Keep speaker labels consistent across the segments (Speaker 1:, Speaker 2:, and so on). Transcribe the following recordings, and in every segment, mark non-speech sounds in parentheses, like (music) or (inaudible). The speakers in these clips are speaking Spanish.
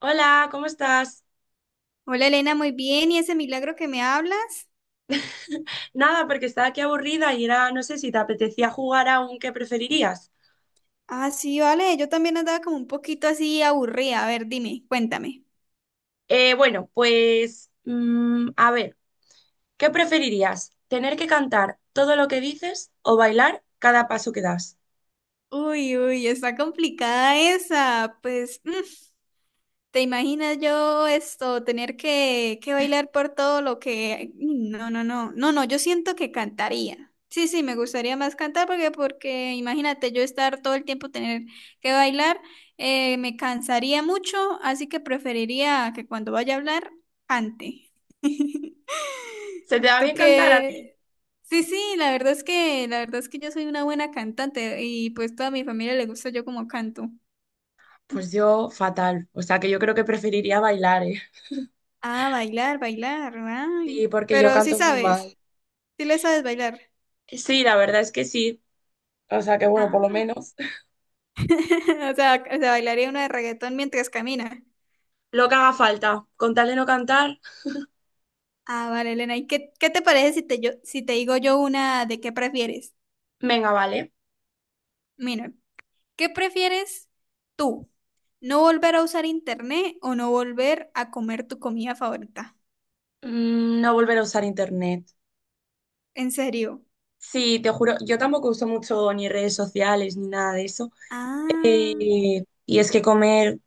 Speaker 1: Hola, ¿cómo estás?
Speaker 2: Hola Elena, muy bien. ¿Y ese milagro que me hablas?
Speaker 1: (laughs) Nada, porque estaba aquí aburrida y era, no sé si te apetecía jugar a un qué preferirías.
Speaker 2: Ah, sí, vale. Yo también andaba como un poquito así aburrida. A ver, dime, cuéntame.
Speaker 1: Bueno, pues a ver, ¿qué preferirías? ¿Tener que cantar todo lo que dices o bailar cada paso que das?
Speaker 2: Uy, uy, está complicada esa. Pues, ¿te imaginas yo esto, tener que bailar por todo lo que... No, no, no. No, no, yo siento que cantaría. Sí, sí, me gustaría más cantar porque imagínate yo estar todo el tiempo tener que bailar, me cansaría mucho, así que preferiría que cuando vaya a hablar, cante. (laughs)
Speaker 1: ¿Se te da
Speaker 2: Tú
Speaker 1: bien cantar a ti?
Speaker 2: que sí, sí, la verdad es que yo soy una buena cantante y pues toda mi familia le gusta yo como canto.
Speaker 1: Pues yo fatal, o sea que yo creo que preferiría bailar, ¿eh?
Speaker 2: Ah, bailar, bailar.
Speaker 1: Sí,
Speaker 2: Ay.
Speaker 1: porque yo
Speaker 2: Pero sí
Speaker 1: canto muy
Speaker 2: sabes,
Speaker 1: mal.
Speaker 2: sí le sabes bailar.
Speaker 1: Sí, la verdad es que sí, o sea que bueno,
Speaker 2: Ah.
Speaker 1: por lo menos. (laughs)
Speaker 2: (laughs) O sea, bailaría una de reggaetón mientras camina.
Speaker 1: Lo que haga falta, con tal de no cantar,
Speaker 2: Ah, vale, Elena. ¿Y qué te parece si te, yo, si te digo yo una de qué prefieres?
Speaker 1: venga, vale.
Speaker 2: Mira, ¿qué prefieres tú? ¿No volver a usar internet o no volver a comer tu comida favorita?
Speaker 1: No volver a usar internet.
Speaker 2: ¿En serio?
Speaker 1: Sí, te juro, yo tampoco uso mucho ni redes sociales ni nada de eso.
Speaker 2: Ah.
Speaker 1: Y es que comer,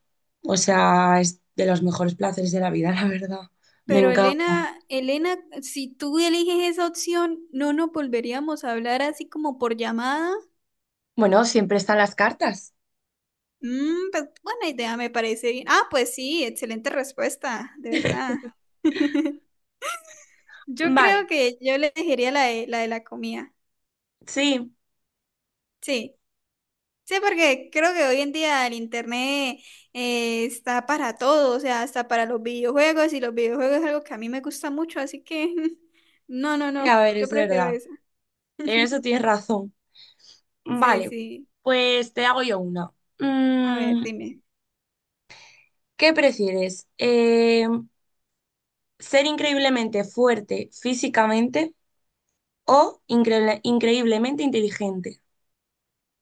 Speaker 1: o sea, es de los mejores placeres de la vida, (laughs) la verdad. Me
Speaker 2: Pero
Speaker 1: encanta.
Speaker 2: Elena, Elena, si tú eliges esa opción, ¿no nos volveríamos a hablar así como por llamada?
Speaker 1: Bueno, siempre están las cartas.
Speaker 2: Mm, pues buena idea, me parece bien. Ah, pues sí, excelente respuesta, de
Speaker 1: (laughs)
Speaker 2: verdad. Yo creo
Speaker 1: Vale,
Speaker 2: que yo le elegiría la de la comida.
Speaker 1: sí,
Speaker 2: Sí, sí, porque creo que hoy en día el internet está para todo, o sea, hasta para los videojuegos y los videojuegos es algo que a mí me gusta mucho, así que (laughs) no, no, no,
Speaker 1: a ver,
Speaker 2: yo
Speaker 1: es
Speaker 2: prefiero
Speaker 1: verdad.
Speaker 2: esa.
Speaker 1: En eso
Speaker 2: (laughs)
Speaker 1: tienes razón.
Speaker 2: Sí,
Speaker 1: Vale,
Speaker 2: sí.
Speaker 1: pues te hago yo una.
Speaker 2: A ver,
Speaker 1: Mm,
Speaker 2: dime.
Speaker 1: ¿Qué prefieres? ¿Ser increíblemente fuerte físicamente o increíblemente inteligente?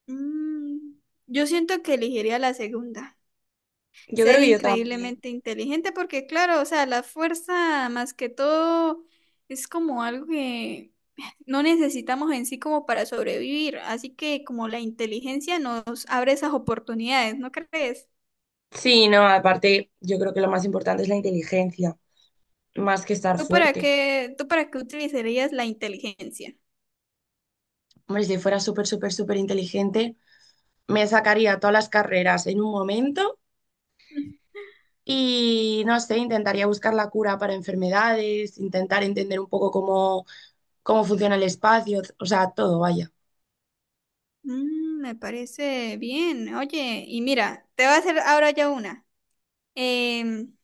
Speaker 2: Mm, yo siento que elegiría la segunda,
Speaker 1: Yo creo
Speaker 2: ser
Speaker 1: que yo también.
Speaker 2: increíblemente inteligente, porque claro, o sea, la fuerza más que todo es como algo que no necesitamos en sí como para sobrevivir, así que como la inteligencia nos abre esas oportunidades, ¿no crees?
Speaker 1: Sí, no, aparte, yo creo que lo más importante es la inteligencia, más que estar
Speaker 2: ¿Tú para
Speaker 1: fuerte.
Speaker 2: qué, tú para qué utilizarías la inteligencia?
Speaker 1: Hombre, si fuera súper, súper, súper inteligente, me sacaría todas las carreras en un momento
Speaker 2: (laughs)
Speaker 1: y, no sé, intentaría buscar la cura para enfermedades, intentar entender un poco cómo funciona el espacio, o sea, todo, vaya.
Speaker 2: Mm, me parece bien. Oye, y mira, te voy a hacer ahora ya una. Em,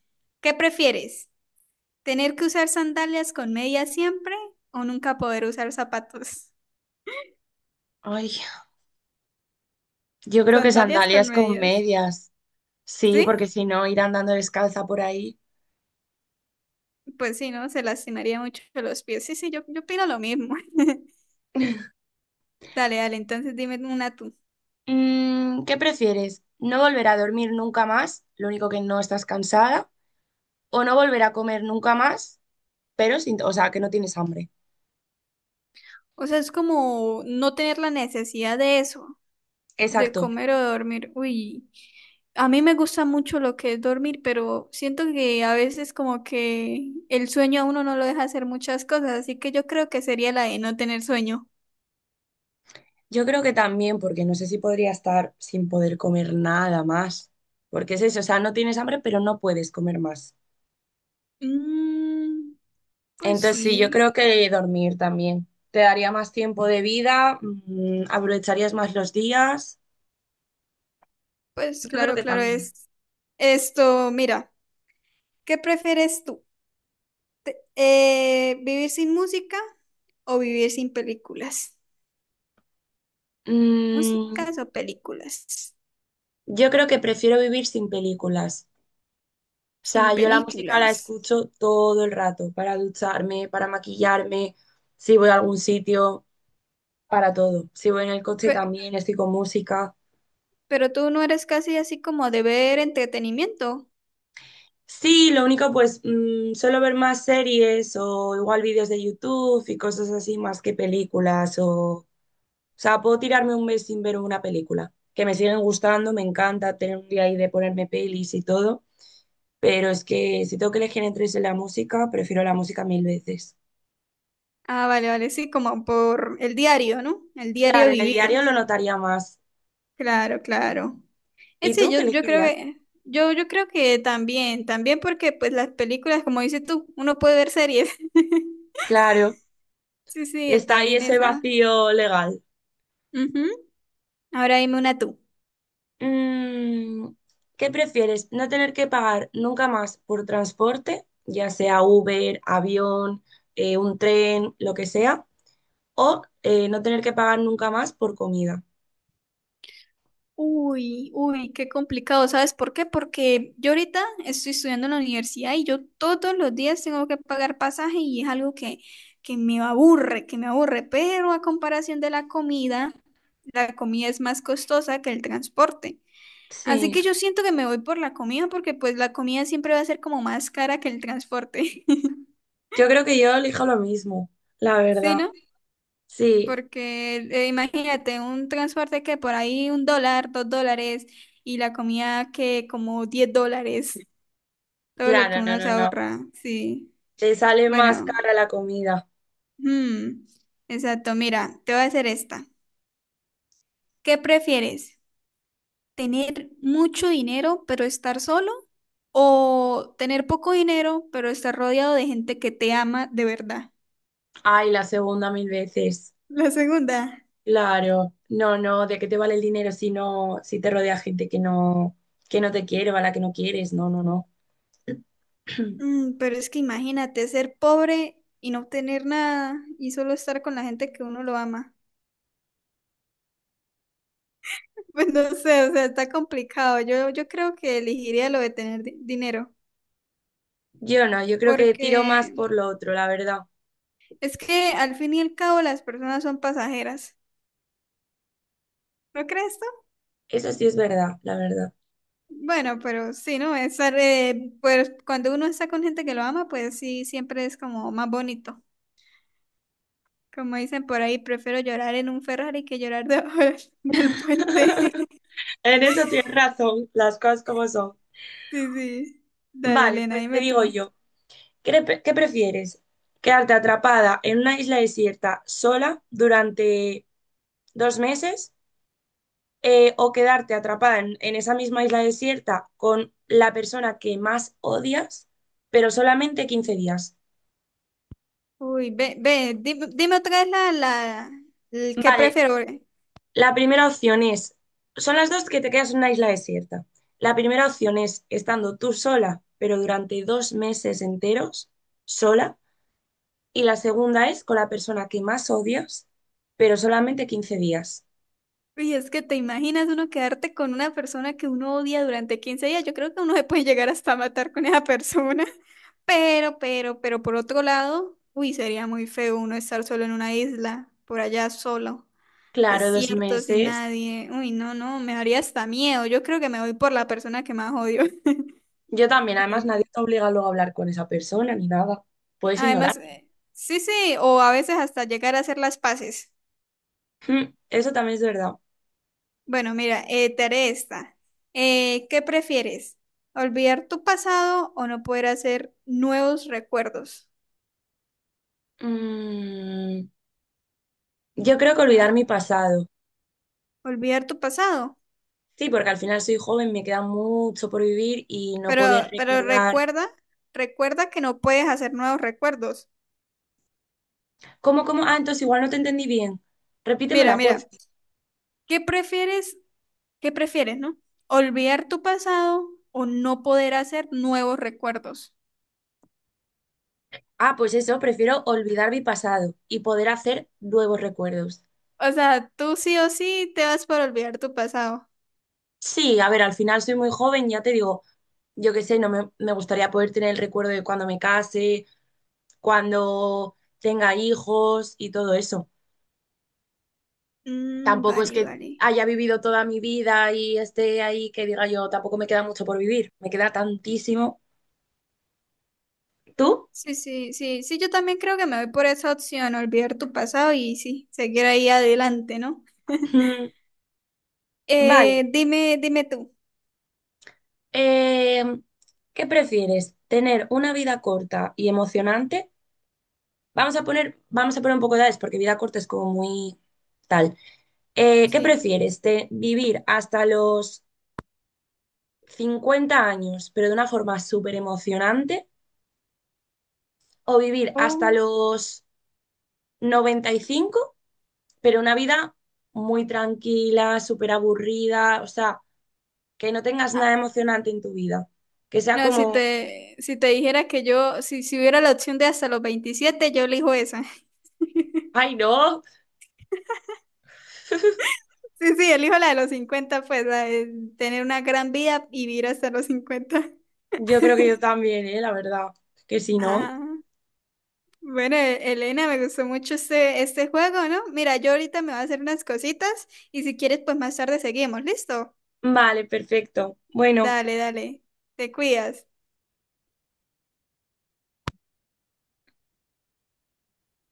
Speaker 2: ¿Qué prefieres? ¿Tener que usar sandalias con medias siempre o nunca poder usar zapatos?
Speaker 1: Ay, yo
Speaker 2: (laughs)
Speaker 1: creo que
Speaker 2: Sandalias con
Speaker 1: sandalias con
Speaker 2: medias.
Speaker 1: medias. Sí, porque
Speaker 2: ¿Sí?
Speaker 1: si no, ir andando descalza por ahí.
Speaker 2: Pues sí, ¿no? Se lastimaría mucho los pies. Sí, sí, yo opino lo mismo. (laughs)
Speaker 1: (laughs)
Speaker 2: Dale, dale, entonces dime una tú.
Speaker 1: ¿Qué prefieres? ¿No volver a dormir nunca más? Lo único que no estás cansada. O no volver a comer nunca más, pero sin, o sea, que no tienes hambre.
Speaker 2: O sea, es como no tener la necesidad de eso, de
Speaker 1: Exacto.
Speaker 2: comer o de dormir. Uy, a mí me gusta mucho lo que es dormir, pero siento que a veces como que el sueño a uno no lo deja hacer muchas cosas, así que yo creo que sería la de no tener sueño.
Speaker 1: Yo creo que también, porque no sé si podría estar sin poder comer nada más, porque es eso, o sea, no tienes hambre, pero no puedes comer más.
Speaker 2: Mm. Pues
Speaker 1: Entonces, sí, yo
Speaker 2: sí,
Speaker 1: creo que dormir también. Te daría más tiempo de vida, aprovecharías más los días.
Speaker 2: pues
Speaker 1: Yo creo
Speaker 2: claro,
Speaker 1: que
Speaker 2: claro
Speaker 1: también.
Speaker 2: es. Esto, mira, ¿qué prefieres tú? ¿Vivir sin música o vivir sin películas?
Speaker 1: Mm,
Speaker 2: ¿Músicas o películas?
Speaker 1: yo creo que prefiero vivir sin películas. O sea,
Speaker 2: Sin
Speaker 1: yo la música la
Speaker 2: películas.
Speaker 1: escucho todo el rato, para ducharme, para maquillarme, si voy a algún sitio, para todo. Si voy en el coche
Speaker 2: Pe-
Speaker 1: también, estoy con música.
Speaker 2: pero tú no eres casi así como de ver entretenimiento.
Speaker 1: Sí, lo único pues suelo ver más series o igual vídeos de YouTube y cosas así más que películas o. O sea, puedo tirarme un mes sin ver una película, que me siguen gustando, me encanta tener un día ahí de ponerme pelis y todo, pero es que si tengo que elegir entre eso y la música, prefiero la música mil veces.
Speaker 2: Ah, vale, vale, sí, como por el diario, ¿no? El diario
Speaker 1: Claro, en el diario
Speaker 2: vivir.
Speaker 1: lo notaría más.
Speaker 2: Claro, claro.
Speaker 1: ¿Y
Speaker 2: Es sí,
Speaker 1: tú qué
Speaker 2: yo, yo creo
Speaker 1: elegirías?
Speaker 2: que, yo, yo creo que también, también porque pues las películas, como dices tú, uno puede ver series. (laughs)
Speaker 1: Claro,
Speaker 2: Sí, sí,
Speaker 1: está
Speaker 2: está
Speaker 1: ahí
Speaker 2: bien
Speaker 1: ese
Speaker 2: esa.
Speaker 1: vacío legal.
Speaker 2: Ujú. Ahora dime una tú.
Speaker 1: Mm, ¿Qué prefieres? ¿No tener que pagar nunca más por transporte, ya sea Uber, avión, un tren, lo que sea? ¿O no tener que pagar nunca más por comida?
Speaker 2: Uy, uy, qué complicado. ¿Sabes por qué? Porque yo ahorita estoy estudiando en la universidad y yo todos los días tengo que pagar pasaje y es algo que me aburre, que me aburre. Pero a comparación de la comida es más costosa que el transporte. Así
Speaker 1: Sí,
Speaker 2: que yo siento que me voy por la comida porque pues la comida siempre va a ser como más cara que el transporte.
Speaker 1: yo creo que yo elijo lo mismo, la
Speaker 2: (laughs) ¿Sí,
Speaker 1: verdad.
Speaker 2: no?
Speaker 1: Sí,
Speaker 2: Porque imagínate, un transporte que por ahí $1, $2, y la comida que como $10, todo lo que
Speaker 1: claro, no,
Speaker 2: uno se
Speaker 1: no, no.
Speaker 2: ahorra, sí.
Speaker 1: Te sale más
Speaker 2: Bueno,
Speaker 1: cara la comida.
Speaker 2: hmm, exacto, mira, te voy a hacer esta. ¿Qué prefieres? ¿Tener mucho dinero pero estar solo? ¿O tener poco dinero pero estar rodeado de gente que te ama de verdad?
Speaker 1: Ay, la segunda mil veces.
Speaker 2: La segunda.
Speaker 1: Claro, no, no, ¿de qué te vale el dinero si no, si te rodea gente que no te quiere o a la que no quieres? No, no, no. (clears throat)
Speaker 2: Mm, pero es que imagínate ser pobre y no obtener nada y solo estar con la gente que uno lo ama. (laughs) Pues no sé, o sea, está complicado. Yo creo que elegiría lo de tener dinero,
Speaker 1: Yo no, yo creo que tiro más
Speaker 2: porque
Speaker 1: por lo otro, la verdad.
Speaker 2: es que al fin y al cabo las personas son pasajeras. ¿No crees tú?
Speaker 1: Eso sí es verdad, la verdad.
Speaker 2: Bueno, pero sí, ¿no? Estar, pues cuando uno está con gente que lo ama, pues sí, siempre es como más bonito. Como dicen por ahí, prefiero llorar en un Ferrari que llorar (laughs) debajo del del puente.
Speaker 1: En eso tienes razón, las cosas como son.
Speaker 2: Sí, sí. Dale,
Speaker 1: Vale,
Speaker 2: Elena,
Speaker 1: pues te
Speaker 2: dime
Speaker 1: digo
Speaker 2: tú.
Speaker 1: yo, ¿Qué prefieres? ¿Quedarte atrapada en una isla desierta sola durante 2 meses? O quedarte atrapada en esa misma isla desierta con la persona que más odias, pero solamente 15 días.
Speaker 2: Uy, ve, ve, di dime otra vez el que
Speaker 1: Vale,
Speaker 2: prefiero.
Speaker 1: la primera opción es, son las dos que te quedas en una isla desierta. La primera opción es estando tú sola, pero durante 2 meses enteros, sola. Y la segunda es con la persona que más odias, pero solamente 15 días.
Speaker 2: Y es que te imaginas uno quedarte con una persona que uno odia durante 15 días. Yo creo que uno se puede llegar hasta matar con esa persona. (laughs) Pero por otro lado, uy, sería muy feo uno estar solo en una isla, por allá solo,
Speaker 1: Claro, dos
Speaker 2: desierto, sin
Speaker 1: meses.
Speaker 2: nadie. Uy, no, no, me haría hasta miedo. Yo creo que me voy por la persona que más odio. (laughs)
Speaker 1: Yo también, además
Speaker 2: Sí.
Speaker 1: nadie te obliga luego a hablar con esa persona ni nada. Puedes ignorar.
Speaker 2: Además, sí, sí, o a veces hasta llegar a hacer las paces.
Speaker 1: Eso también es verdad.
Speaker 2: Bueno, mira, te haré esta. ¿Qué prefieres? ¿Olvidar tu pasado o no poder hacer nuevos recuerdos?
Speaker 1: Mm, yo creo que olvidar
Speaker 2: Ah,
Speaker 1: mi pasado.
Speaker 2: olvidar tu pasado,
Speaker 1: Sí, porque al final soy joven, me queda mucho por vivir y no
Speaker 2: pero,
Speaker 1: poder
Speaker 2: pero
Speaker 1: recordar.
Speaker 2: recuerda, recuerda que no puedes hacer nuevos recuerdos.
Speaker 1: ¿Cómo, cómo? Ah, entonces igual no te entendí bien.
Speaker 2: Mira,
Speaker 1: Repítemela, por
Speaker 2: mira,
Speaker 1: favor.
Speaker 2: ¿qué prefieres? ¿Qué prefieres, no? ¿Olvidar tu pasado o no poder hacer nuevos recuerdos?
Speaker 1: Ah, pues eso, prefiero olvidar mi pasado y poder hacer nuevos recuerdos.
Speaker 2: O sea, tú sí o sí te vas por olvidar tu pasado.
Speaker 1: Sí, a ver, al final soy muy joven, ya te digo, yo qué sé, no me gustaría poder tener el recuerdo de cuando me case, cuando tenga hijos y todo eso.
Speaker 2: Mm,
Speaker 1: Tampoco es
Speaker 2: vale,
Speaker 1: que
Speaker 2: vale.
Speaker 1: haya vivido toda mi vida y esté ahí que diga yo, tampoco me queda mucho por vivir, me queda tantísimo. ¿Tú?
Speaker 2: Sí, sí, sí, sí, yo también creo que me voy por esa opción, olvidar tu pasado y sí, seguir ahí adelante, ¿no?
Speaker 1: Mm, Vale,
Speaker 2: Dime, dime tú.
Speaker 1: eh, ¿qué prefieres? ¿Tener una vida corta y emocionante? Vamos a poner un poco de edades porque vida corta es como muy tal. ¿Qué
Speaker 2: Sí.
Speaker 1: prefieres? ¿Vivir hasta los 50 años, pero de una forma súper emocionante? ¿O vivir hasta
Speaker 2: Oh,
Speaker 1: los 95 pero una vida muy tranquila, súper aburrida, o sea, que no tengas
Speaker 2: ah,
Speaker 1: nada emocionante en tu vida, que sea
Speaker 2: no, si
Speaker 1: como,
Speaker 2: te, si te dijera que yo, si, si hubiera la opción de hasta los 27 yo elijo esa. (laughs)
Speaker 1: ay, no,
Speaker 2: Sí, sí, elijo la de los 50 pues, la de tener una gran vida y vivir hasta los 50.
Speaker 1: yo creo que yo también, ¿eh? La verdad, que si no.
Speaker 2: Ah. Bueno, Elena, me gustó mucho este juego, ¿no? Mira, yo ahorita me voy a hacer unas cositas y si quieres, pues más tarde seguimos, ¿listo?
Speaker 1: Vale, perfecto. Bueno.
Speaker 2: Dale, dale, te cuidas.